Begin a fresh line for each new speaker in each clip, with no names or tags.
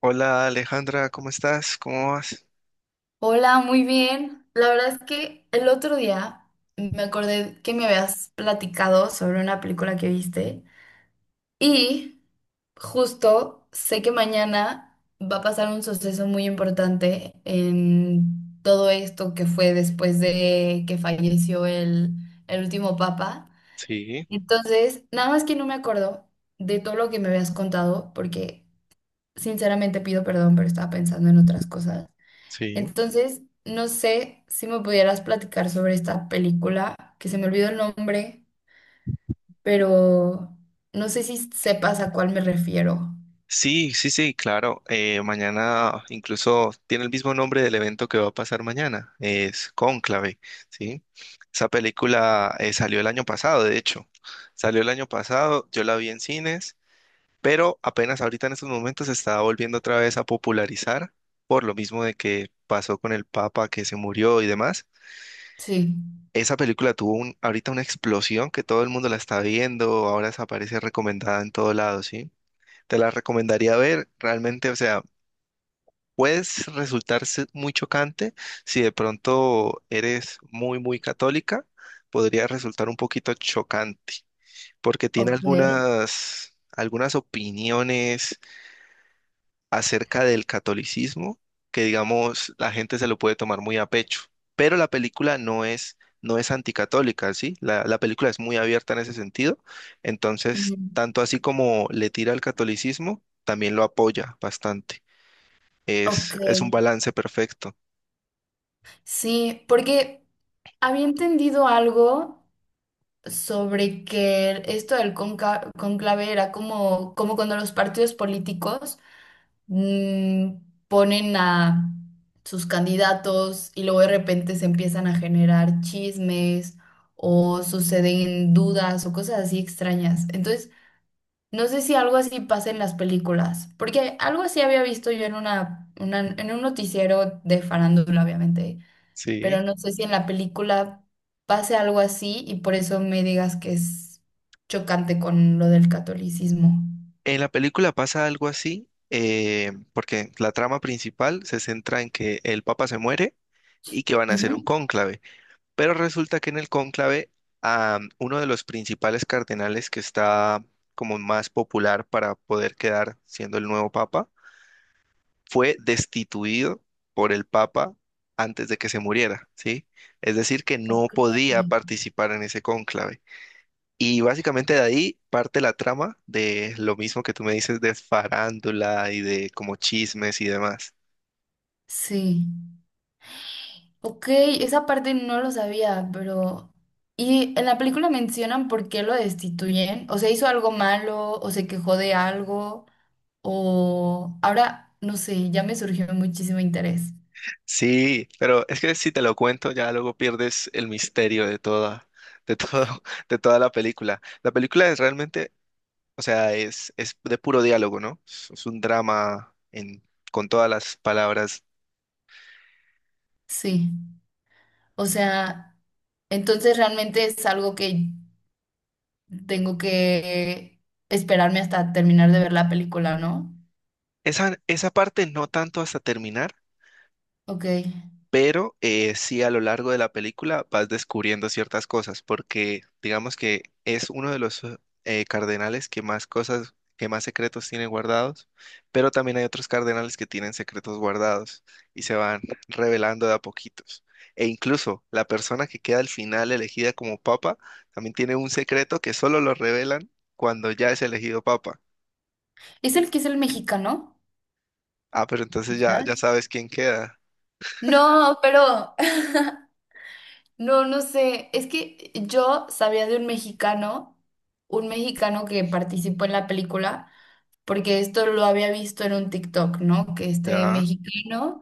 Hola Alejandra, ¿cómo estás? ¿Cómo vas?
Hola, muy bien. La verdad es que el otro día me acordé que me habías platicado sobre una película que viste y justo sé que mañana va a pasar un suceso muy importante en todo esto que fue después de que falleció el último papa.
Sí,
Entonces, nada más que no me acuerdo de todo lo que me habías contado porque sinceramente pido perdón, pero estaba pensando en otras cosas.
sí.
Entonces, no sé si me pudieras platicar sobre esta película, que se me olvidó el nombre, pero no sé si sepas a cuál me refiero.
Sí, sí, sí, claro. Mañana incluso tiene el mismo nombre del evento que va a pasar mañana. Es Cónclave, ¿sí? Esa película salió el año pasado, de hecho. Salió el año pasado, yo la vi en cines, pero apenas ahorita en estos momentos se está volviendo otra vez a popularizar por lo mismo de que pasó con el Papa que se murió y demás.
Sí.
Esa película tuvo un, ahorita una explosión que todo el mundo la está viendo, ahora se aparece recomendada en todo lado, ¿sí? Te la recomendaría ver, realmente, o sea, puedes resultar muy chocante si de pronto eres muy, muy católica, podría resultar un poquito chocante, porque tiene
Ok.
algunas, algunas opiniones acerca del catolicismo que, digamos, la gente se lo puede tomar muy a pecho, pero la película no es anticatólica, ¿sí? La película es muy abierta en ese sentido, entonces,
Ujú.
tanto así como le tira al catolicismo, también lo apoya bastante.
Ok.
Es un balance perfecto,
Sí, porque había entendido algo sobre que esto del cónclave era como, como cuando los partidos políticos mm, ponen a sus candidatos y luego de repente se empiezan a generar chismes o suceden dudas o cosas así extrañas. Entonces, no sé si algo así pasa en las películas, porque algo así había visto yo en en un noticiero de farándula, obviamente,
¿sí?
pero no sé si en la película pase algo así y por eso me digas que es chocante con lo del catolicismo.
En la película pasa algo así, porque la trama principal se centra en que el papa se muere y que van a hacer un
Ujú.
cónclave. Pero resulta que en el cónclave, uno de los principales cardenales que está como más popular para poder quedar siendo el nuevo papa, fue destituido por el papa antes de que se muriera, ¿sí? Es decir, que no
Ok.
podía participar en ese cónclave. Y básicamente de ahí parte la trama de lo mismo que tú me dices de farándula y de como chismes y demás.
Sí. Ok, esa parte no lo sabía, pero... ¿Y en la película mencionan por qué lo destituyen? ¿O sea, hizo algo malo? ¿O se quejó de algo? O... Ahora, no sé, ya me surgió muchísimo interés.
Sí, pero es que si te lo cuento ya luego pierdes el misterio de toda, de todo, de toda la película. La película es realmente, o sea, es de puro diálogo, ¿no? Es un drama en, con todas las palabras.
Sí, o sea, entonces realmente es algo que tengo que esperarme hasta terminar de ver la película, ¿no?
Esa parte no tanto hasta terminar,
Ok.
pero sí a lo largo de la película vas descubriendo ciertas cosas, porque digamos que es uno de los cardenales que más cosas, que más secretos tiene guardados, pero también hay otros cardenales que tienen secretos guardados y se van revelando de a poquitos. E incluso la persona que queda al final elegida como papa también tiene un secreto que solo lo revelan cuando ya es elegido papa.
¿Es el que es el mexicano?
Ah, pero entonces ya,
Quizás.
ya sabes quién queda.
No, pero... No, no sé. Es que yo sabía de un mexicano que participó en la película, porque esto lo había visto en un TikTok, ¿no? Que este
Ya.
mexicano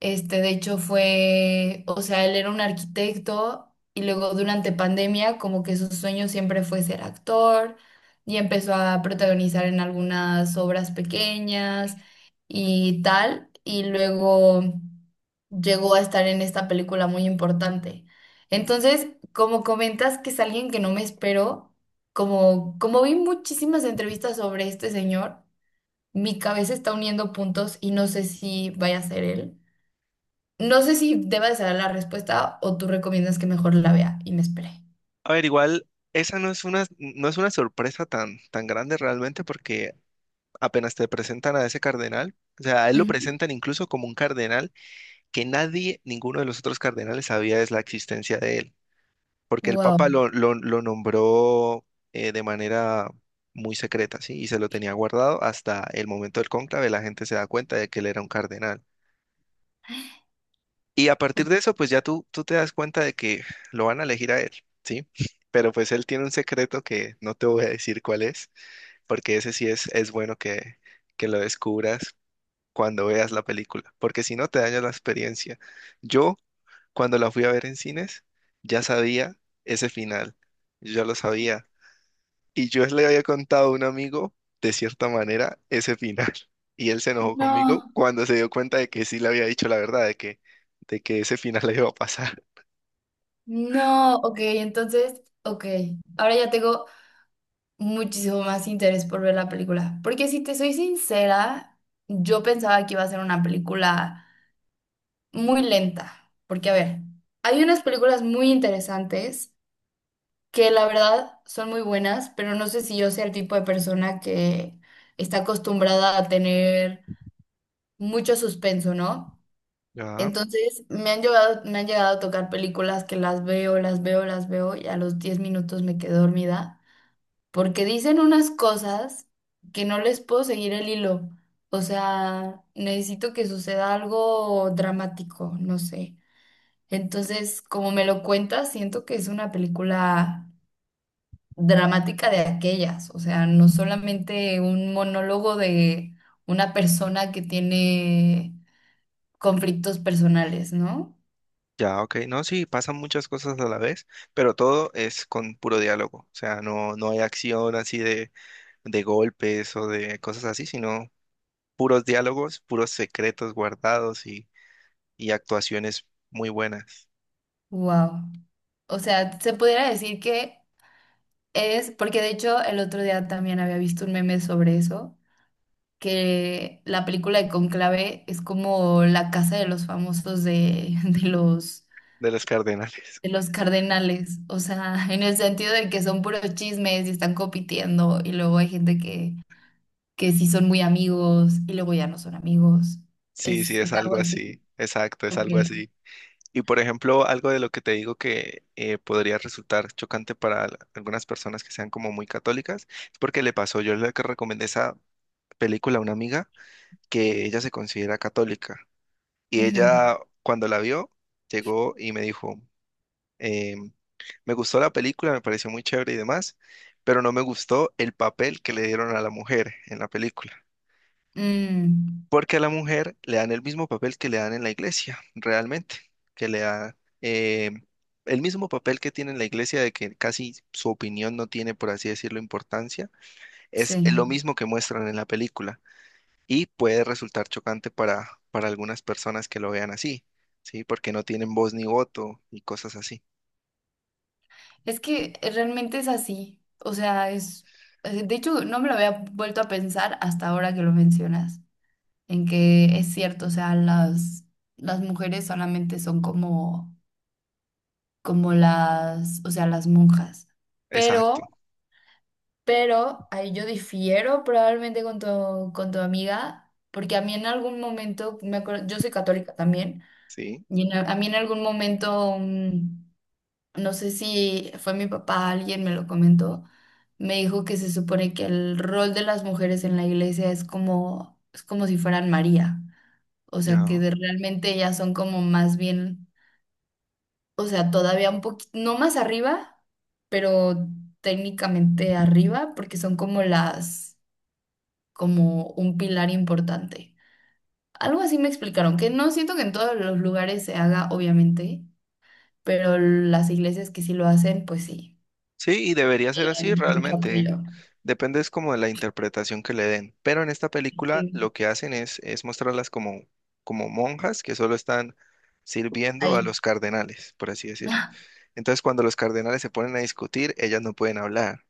este, de hecho, fue, o sea, él era un arquitecto y luego durante pandemia como que su sueño siempre fue ser actor y empezó a protagonizar en algunas obras pequeñas y tal. Y luego llegó a estar en esta película muy importante. Entonces, como comentas que es alguien que no me espero, como, como vi muchísimas entrevistas sobre este señor, mi cabeza está uniendo puntos y no sé si vaya a ser él. No sé si deba de saber la respuesta o tú recomiendas que mejor la vea y me espere.
A ver, igual, esa no es una, no es una sorpresa tan, tan grande realmente porque apenas te presentan a ese cardenal, o sea, a él lo
Ujú.
presentan incluso como un cardenal que nadie, ninguno de los otros cardenales sabía es la existencia de él, porque el
Wow.
Papa lo nombró de manera muy secreta, ¿sí? Y se lo tenía guardado hasta el momento del cónclave, la gente se da cuenta de que él era un cardenal. Y a partir de eso, pues ya tú te das cuenta de que lo van a elegir a él, ¿sí? Pero pues él tiene un secreto que no te voy a decir cuál es, porque ese sí es bueno que lo descubras cuando veas la película, porque si no te daña la experiencia. Yo, cuando la fui a ver en cines, ya sabía ese final, yo ya lo sabía, y yo le había contado a un amigo, de cierta manera, ese final, y él se enojó conmigo
No,
cuando se dio cuenta de que sí le había dicho la verdad, de que ese final le iba a pasar.
no, ok, entonces, ok. Ahora ya tengo muchísimo más interés por ver la película. Porque si te soy sincera, yo pensaba que iba a ser una película muy lenta. Porque, a ver, hay unas películas muy interesantes que la verdad son muy buenas, pero no sé si yo sea el tipo de persona que está acostumbrada a tener mucho suspenso, ¿no?
Ya,
Entonces me han llegado a tocar películas que las veo, las veo, las veo y a los 10 minutos me quedo dormida porque dicen unas cosas que no les puedo seguir el hilo. O sea, necesito que suceda algo dramático, no sé. Entonces, como me lo cuentas, siento que es una película dramática de aquellas. O sea, no solamente un monólogo de una persona que tiene conflictos personales, ¿no?
ya, ok. No, sí, pasan muchas cosas a la vez, pero todo es con puro diálogo. O sea, no hay acción así de golpes o de cosas así, sino puros diálogos, puros secretos guardados y actuaciones muy buenas
Wow. O sea, se pudiera decir que es, porque de hecho el otro día también había visto un meme sobre eso, que la película de Conclave es como la casa de los famosos
de los cardenales.
de los cardenales, o sea, en el sentido de que son puros chismes y están compitiendo y luego hay gente que sí son muy amigos y luego ya no son amigos.
Sí, sí, es
Es algo
algo
así.
así. Exacto, es
Ok.
algo así. Y por ejemplo, algo de lo que te digo que podría resultar chocante para algunas personas que sean como muy católicas, es porque le pasó, yo le recomendé esa película a una amiga que ella se considera católica. Y
Ujú.
ella, cuando la vio, llegó y me dijo, em, me gustó la película, me pareció muy chévere y demás, pero no me gustó el papel que le dieron a la mujer en la película.
Mm,
Porque a la mujer le dan el mismo papel que le dan en la iglesia, realmente, que le da el mismo papel que tiene en la iglesia de que casi su opinión no tiene, por así decirlo, importancia, es
sí.
lo mismo que muestran en la película. Y puede resultar chocante para algunas personas que lo vean así, ¿sí? Porque no tienen voz ni voto y cosas así.
Es que realmente es así. O sea, es... De hecho, no me lo había vuelto a pensar hasta ahora que lo mencionas, en que es cierto, o sea, las mujeres solamente son como, como las, o sea, las monjas. Pero,
Exacto,
pero, ahí yo difiero probablemente con con tu amiga, porque a mí en algún momento, me acuerdo, yo soy católica también,
¿sí?
y en a mí en algún momento... no sé si fue mi papá, alguien me lo comentó, me dijo que se supone que el rol de las mujeres en la iglesia es como si fueran María, o sea que
No.
de- realmente ellas son como más bien, o sea, todavía un poquito, no más arriba, pero técnicamente arriba, porque son como las, como un pilar importante. Algo así me explicaron, que no siento que en todos los lugares se haga, obviamente, pero las iglesias que sí lo hacen, pues sí,
Sí, y debería ser así
tienen mucho
realmente.
apoyo.
Depende es como de la interpretación que le den. Pero en esta película
Sí.
lo que hacen es mostrarlas como, como monjas que solo están sirviendo a
Ahí.
los cardenales, por así decirlo.
Ah.
Entonces, cuando los cardenales se ponen a discutir, ellas no pueden hablar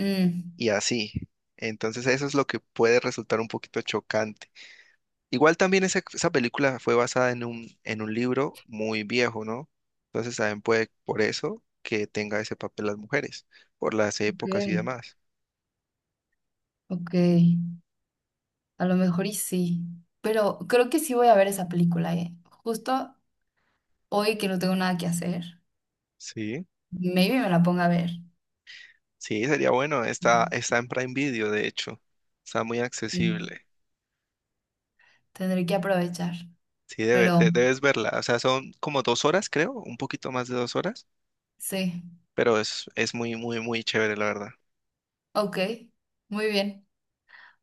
Mm.
y así. Entonces, eso es lo que puede resultar un poquito chocante. Igual también esa película fue basada en un libro muy viejo, ¿no? Entonces también puede por eso que tenga ese papel las mujeres, por las
Ok,
épocas y demás.
ok, a lo mejor y sí. Pero creo que sí voy a ver esa película, ¿eh? Justo hoy que no tengo nada que hacer,
Sí,
maybe me la ponga a ver.
sí, sería bueno. Está,
Mm,
está en Prime Video, de hecho. Está muy
sí.
accesible.
Tendré que aprovechar.
Sí,
Pero
debes verla. O sea, son como 2 horas, creo, un poquito más de 2 horas,
sí,
pero es muy, muy, muy chévere, la verdad.
ok, muy bien.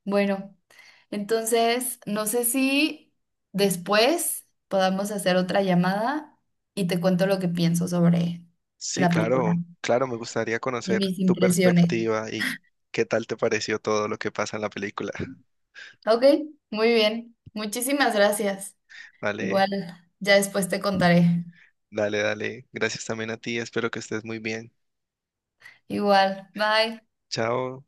Bueno, entonces no sé si después podamos hacer otra llamada y te cuento lo que pienso sobre
Sí,
la película
claro, claro, me gustaría
y
conocer
mis
tu
impresiones.
perspectiva y qué tal te pareció todo lo que pasa en la película.
Ok, muy bien. Muchísimas gracias.
Vale.
Igual, ya después te contaré.
Dale, dale. Gracias también a ti. Espero que estés muy bien.
Igual, bye.
Chao.